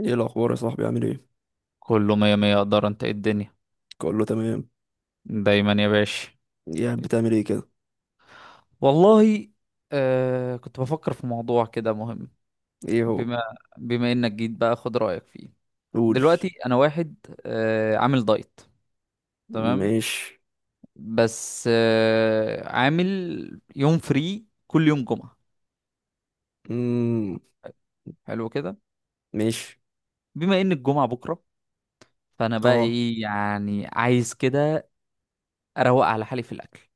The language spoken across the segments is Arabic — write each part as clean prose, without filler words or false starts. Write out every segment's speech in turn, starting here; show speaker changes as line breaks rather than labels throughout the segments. ايه الاخبار يا صاحبي؟ عامل ايه؟
كله مية مية، اقدر، انت إيه الدنيا؟
اقول له تمام.
دايما يا باشا.
يا بتعمل ايه كده؟
والله. كنت بفكر في موضوع كده مهم.
ايه هو؟
بما بما انك جيت بقى، خد رأيك فيه.
قول.
دلوقتي انا واحد عامل دايت، تمام.
ماشي.
بس عامل يوم فري كل يوم جمعة.
امم
حلو كده.
ماشي.
بما ان الجمعة بكرة، فانا بقى
اه.
ايه يعني، عايز كده اروق على حالي في الاكل،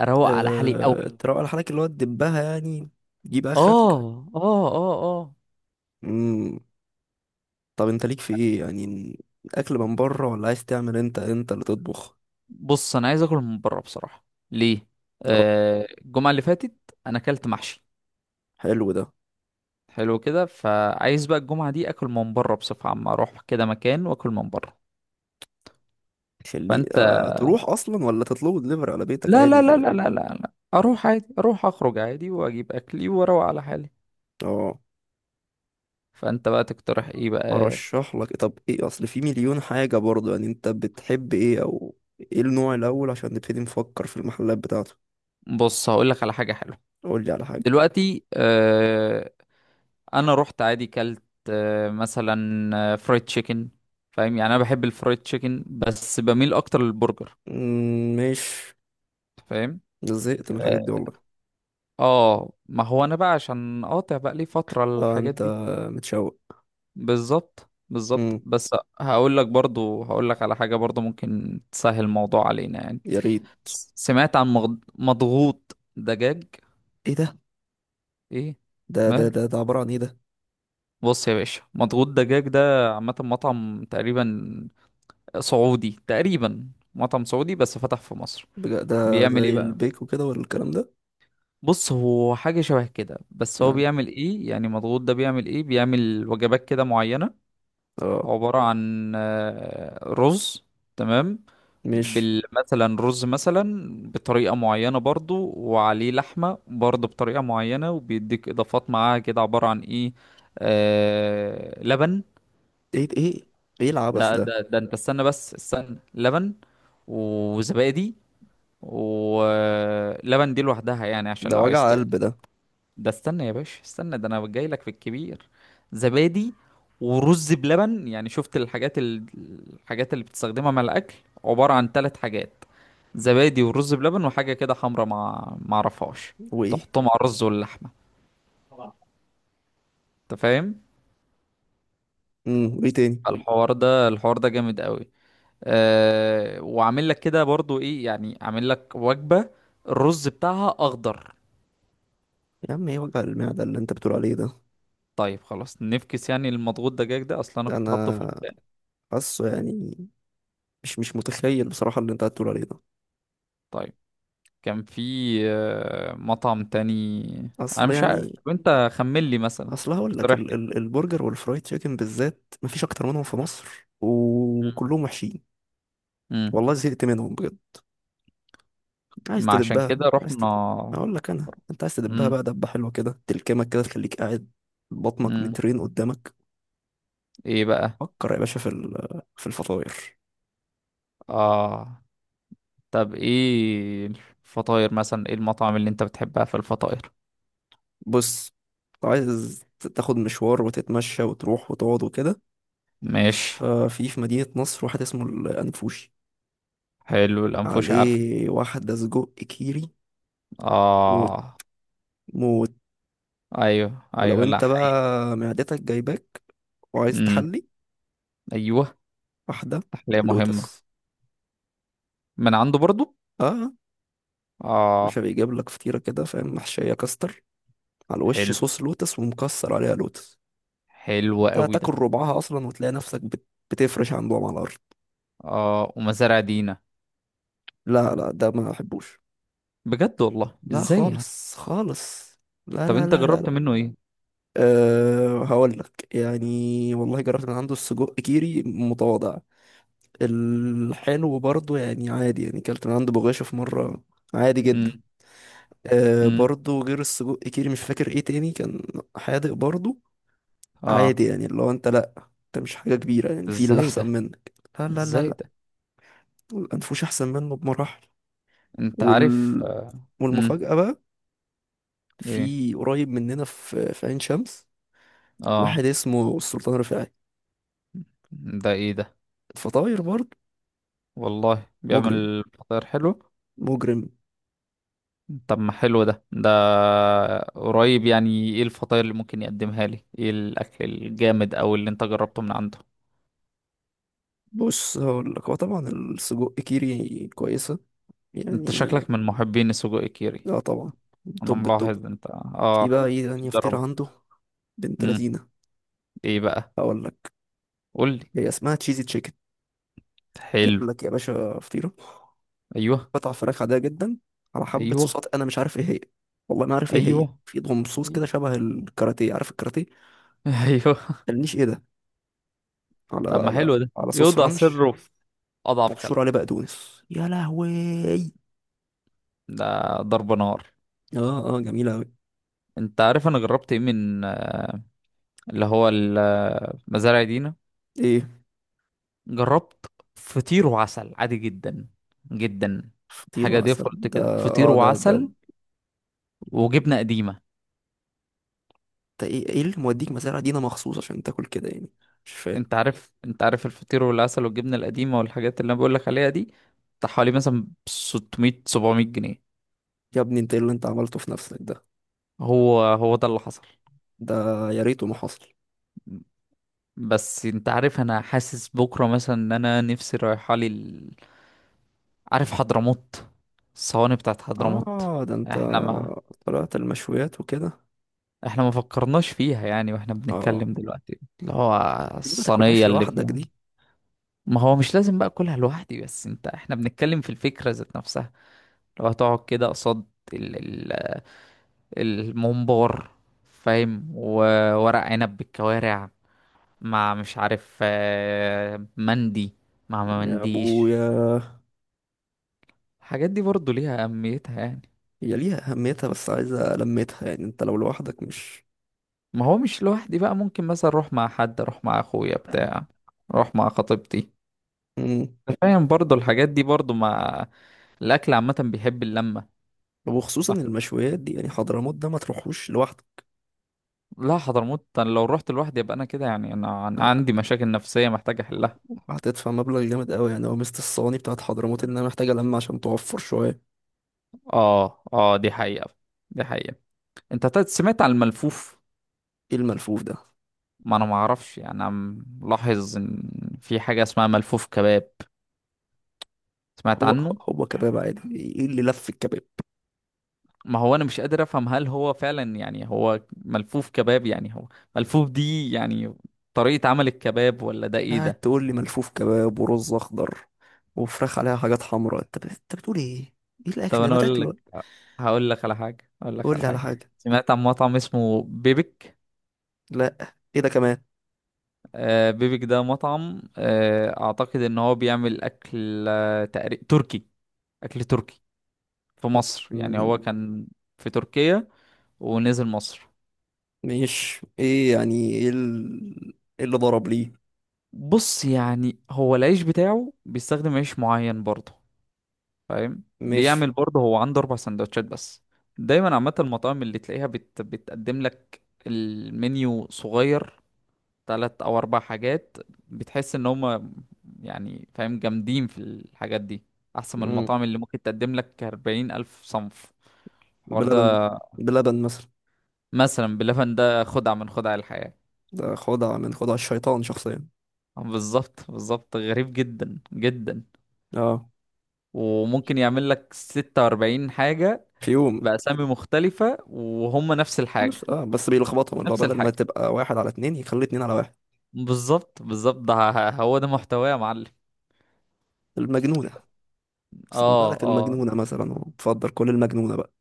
اروق على حالي قوي.
تروق على حالك اللي هو تدبها يعني. تجيب اخرك.
اه اه. اه اه.
امم طب انت ليك في ايه يعني؟ اكل من بره ولا عايز تعمل انت اللي تطبخ؟
بص، انا عايز اكل من بره بصراحه. ليه؟
اه،
الجمعه اللي فاتت انا اكلت محشي.
حلو ده.
حلو كده، فعايز بقى الجمعه دي اكل من بره بصفه عامه، اروح كده مكان واكل من بره.
خليه.
فانت،
تروح اصلا ولا تطلبه دليفري على بيتك؟
لا
عادي
لا لا
ازاي.
لا لا لا لا. اروح عادي، اروح اخرج عادي واجيب اكلي واروق على حالي.
اه.
فانت بقى تقترح ايه بقى؟
ارشح لك؟ طب ايه؟ اصل في مليون حاجة برضه. يعني انت بتحب ايه؟ او ايه النوع الاول عشان نبتدي نفكر في المحلات بتاعته؟
بص، هقول لك على حاجه حلوه.
قول لي على حاجة.
دلوقتي انا رحت عادي كلت مثلا فرايد تشيكن. فاهم يعني، انا بحب الفرايد تشيكن بس بميل اكتر للبرجر.
مش
فاهم.
زهقت من الحاجات دي والله.
اه، ما هو انا بقى عشان قاطع بقى لي فترة
اه،
الحاجات
انت
دي.
متشوق.
بالظبط بالظبط،
امم
بس هقول لك برضو، هقول لك على حاجة برضو ممكن تسهل الموضوع علينا يعني.
يا ريت.
سمعت عن مضغوط دجاج.
ايه ده
ايه؟
ده ده ده
ماله؟
ده عبارة عن ايه ده؟
بص يا باشا، مضغوط دجاج ده عامة مطعم تقريبا سعودي، تقريبا مطعم سعودي بس فتح في مصر.
بجد؟ ده
بيعمل ايه
زي
بقى؟
البيك وكده ولا الكلام ده؟
بص، هو حاجة شبه كده، بس هو
يعني
بيعمل ايه يعني؟ مضغوط ده بيعمل ايه؟ بيعمل وجبات كده معينة،
اه.
عبارة عن رز. تمام.
مش
بال مثلا رز مثلا بطريقة معينة برضو، وعليه لحمة برضو بطريقة معينة، وبيديك إضافات معاها كده، عبارة عن إيه؟ لبن.
ايه. ايه؟ ايه العبث
ده
ده؟
ده ده أنت استنى، بس استنى، لبن وزبادي، ولبن دي لوحدها يعني، عشان
ده
لو عايز
وجع قلب ده.
ده استنى يا باشا، استنى، ده انا جاي لك في الكبير. زبادي ورز بلبن، يعني شفت الحاجات الحاجات اللي بتستخدمها مع الاكل، عبارة عن ثلاث حاجات. زبادي ورز بلبن وحاجة كده حمرا مع ما اعرفهاش،
وايه؟
تحطهم على الرز واللحمة. انت فاهم؟
وايه تاني؟
الحوار ده، الحوار ده جامد قوي. أه، وعامل لك كده برضو ايه يعني؟ عامل لك وجبة الرز بتاعها اخضر.
يا عم ايه وجع المعدة اللي انت بتقول عليه ده؟
طيب خلاص، نفكس يعني المضغوط دجاج ده اصلا، انا كنت حاطه في
انا
البداية.
حاسه يعني. مش متخيل بصراحة اللي انت هتقول عليه ده.
طيب، كان في مطعم تاني. انا
اصل
مش عارف،
يعني.
وانت خمن لي مثلا.
اصل هقول لك
اقترح
ال
لي.
ال البرجر والفرايد تشيكن بالذات مفيش اكتر منهم في مصر، وكلهم وحشين.
امم.
والله زهقت منهم بجد. عايز
ما عشان
تدبها؟
كده
عايز
رحنا.
تدب. اقول لك انا، انت عايز تدبها
امم.
بقى دبة حلوة كده تلكمك كده تخليك قاعد بطنك
امم.
مترين قدامك.
ايه بقى؟
فكر يا باشا في في الفطاير.
اه. طب ايه الفطاير مثلا، ايه المطعم اللي انت بتحبها في الفطاير؟
بص، لو عايز تاخد مشوار وتتمشى وتروح وتقعد وكده،
ماشي.
ففي مدينة نصر واحد اسمه الأنفوشي،
حلو، الانفوش عارف.
عليه واحدة سجق كيري، موت.
اه.
موت.
ايوه
ولو
ايوه، لا
انت
حقيقة.
بقى معدتك جايباك وعايز
امم.
تحلي،
ايوه،
واحدة
تحلية مهمة.
لوتس.
من عنده برضو.
اه، مش
اه.
بيجيب لك فطيرة كده فاهم، محشية كاستر، على الوش
حلو،
صوص لوتس، ومكسر عليها لوتس.
حلو
انت
قوي
هتاكل
ده.
ربعها اصلا وتلاقي نفسك بتفرش عندهم على الارض.
اه، ومزارع دينا.
لا لا، ده ما احبوش.
بجد والله،
لا،
ازاي يعني؟
خالص خالص. لا
طب
لا
انت
لا لا
جربت
لا.
منه ايه؟
أه هقول لك يعني، والله جربت من عنده السجق كيري، متواضع. الحلو برضو يعني عادي، يعني كلت من عند بغاشة في مرة، عادي جدا.
امم. امم.
برضو غير السجق كيري مش فاكر ايه تاني كان، حادق برضو،
اه.
عادي يعني. اللي هو انت لأ، انت مش حاجة كبيرة يعني، في اللي
ازاي ده؟
أحسن منك. لا لا لا
ازاي
لا،
ده؟
الأنفوش أحسن منه بمراحل.
انت عارف
وال...
امم.
والمفاجأة بقى
ايه؟
في قريب مننا في عين شمس،
اه.
واحد اسمه السلطان رفاعي.
ده ايه ده؟
الفطاير برضو،
والله
مجرم.
بيعمل فطاير حلو؟
مجرم.
طب ما حلو ده، ده قريب يعني، ايه الفطاير اللي ممكن يقدمها لي، ايه الاكل الجامد او اللي انت جربته من عنده؟
بص هقول لك، هو طبعا السجق كيري كويسة
انت
يعني.
شكلك من محبين السجق كيري.
لا طبعا،
انا
توب التوب.
ملاحظ انت
في
اه.
بقى ايه تانية فطيرة
بتجربه.
عنده؟ بنت
امم.
لذينة.
ايه بقى؟
هقول لك،
قول لي.
هي اسمها تشيزي تشيكن،
حلو.
جايب لك يا باشا فطيرة
ايوه
قطع فراخ عادية جدا، على حبة
ايوه.
صوصات انا مش عارف ايه هي. والله ما عارف ايه هي،
ايوه
في ضم صوص
ايوه
كده شبه الكاراتيه، عارف الكاراتيه؟
ايوه.
قالنيش ايه ده، على
طب ما
على
حلو ده،
على صوص
يوضع
رانش،
سره في اضعف
مبشور
خلقه.
عليه بقدونس. يا لهوي.
ده ضرب نار.
اه اه، جميلة اوي.
انت عارف انا جربت ايه من اللي هو مزارع دينا؟
ايه
جربت فطير وعسل عادي جدا، جدا.
فطيرة
حاجه
مثلا
ديفولت
ده؟
كده، فطير
اه، ده
وعسل وجبنه قديمه.
ده ايه؟ ايه اللي موديك مزارع دينا مخصوص عشان تاكل كده يعني؟ مش فاهم.
انت عارف، انت عارف الفطير والعسل والجبنه القديمه والحاجات اللي انا بقول لك عليها دي بتاع حوالي مثلا 600 700 جنيه.
يا ابني انت ايه اللي انت عملته في نفسك ده؟
هو هو ده اللي حصل.
ده يا ريته ما حصل.
بس انت عارف، انا حاسس بكرة مثلا ان انا نفسي رايحة لي عارف حضرموت، الصواني بتاعت حضرموت.
اه ده انت
احنا ما
طلعت المشويات وكده.
احنا ما فكرناش فيها يعني، واحنا
اه،
بنتكلم دلوقتي اللي هو
بس دي ما
الصينية
تاكلهاش
اللي
لوحدك
فيها.
دي.
ما هو مش لازم بقى اكلها لوحدي، بس انت، احنا بنتكلم في الفكرة ذات نفسها. لو هتقعد كده قصاد ال... ال... الممبار، فاهم، وورق عنب بالكوارع، مع مش عارف مندي مع ما
يا
منديش.
ابويا،
الحاجات دي برضه ليها أهميتها يعني.
هي ليها اهميتها بس عايزه لمتها يعني، انت لو لوحدك مش.
ما هو مش لوحدي بقى، ممكن مثلا أروح مع حد، أروح مع أخويا بتاع، أروح مع خطيبتي.
مم.
أنت فاهم برضه الحاجات دي برضه مع الأكل عامة، بيحب اللمة.
وخصوصا
ف-
المشويات دي، يعني حضرموت ده ما تروحوش لوحدك.
لا حضرموت أنا لو رحت لوحدي يبقى أنا كده يعني، أنا عندي مشاكل نفسية محتاج أحلها.
هتدفع مبلغ جامد قوي يعني. هو مست الصواني بتاعت حضرموت انها محتاجه لمه عشان توفر شويه.
آه آه، دي حقيقة، دي حقيقة. أنت سمعت عن الملفوف؟
ايه الملفوف ده؟
ما أنا معرفش يعني، أنا ملاحظ إن في حاجة اسمها ملفوف كباب. سمعت
هو،
عنه؟
هو كباب عادي، ايه اللي لف الكباب؟
ما هو انا مش قادر افهم، هل هو فعلا يعني هو ملفوف كباب، يعني هو ملفوف دي يعني طريقة عمل الكباب، ولا ده ايه
قاعد
ده؟
تقول لي ملفوف كباب، ورز اخضر، وفراخ عليها حاجات حمراء، انت بتقول ايه؟ ايه
طب
الاكل ده،
انا
ما
اقول
تاكله؟
لك، هقول لك على حاجة، هقول لك
قول
على
لي على
حاجة.
حاجه.
سمعت عن مطعم اسمه بيبك؟
لا ايه ده كمان؟
بيبك ده مطعم، اعتقد ان هو بيعمل اكل تركي. اكل تركي في مصر يعني، هو
م-
كان في تركيا ونزل مصر.
مش ايه يعني، ايه إيه اللي ضرب ليه؟
بص يعني، هو العيش بتاعه بيستخدم عيش معين برضه. فاهم
مش.
بيعمل برضه، هو عنده 4 سندوتشات بس. دايما عامه المطاعم اللي تلاقيها بتقدم لك المنيو صغير، تلات او 4 حاجات. بتحس ان هم يعني فاهم جامدين في الحاجات دي، احسن من
م-
المطاعم اللي ممكن تقدم لك 40,000 صنف. الحوار ده،
بلبن. بلبن مثلا
مثلا بلبن ده خدعة من خدع الحياة.
ده خدعه من خدع الشيطان شخصيا.
بالظبط بالظبط، غريب جدا جدا.
اه،
وممكن يعمل لك 46 حاجة
في يوم.
بأسامي مختلفة وهم نفس
بس
الحاجة،
اه، بس بيلخبطهم، اللي هو
نفس
بدل ما
الحاجة.
تبقى واحد على اتنين يخلي اتنين على واحد.
بالظبط بالظبط، ده هو ده محتواه يا معلم.
المجنونه. سمها
اه
لك
اه.
المجنونه مثلا وتفضل كل المجنونه بقى.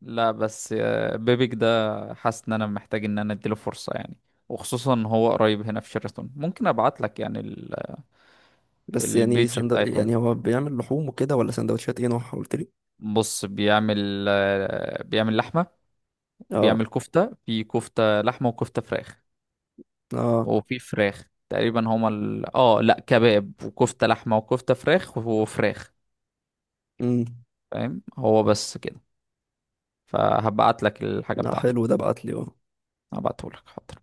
لا بس بيبيك ده حاسس ان انا محتاج ان انا اديله فرصة يعني، وخصوصا ان هو قريب هنا في شيراتون، ممكن ابعت لك يعني
بس يعني
البيج بتاعتهم.
يعني هو بيعمل لحوم وكده ولا سندوتشات؟ ايه نوعها قلت لي؟
بص بيعمل بيعمل لحمة،
اه
بيعمل كفتة. في كفتة لحمة وكفتة فراخ،
اه.
وفي فراخ تقريبا، هما ال... اه لا كباب وكفتة لحمة وكفتة فراخ وفراخ.
امم
فاهم هو بس كده. فهبعت لك الحاجة
لا
بتاعته.
حلو ده، بعت لي.
هبعته لك، حاضر.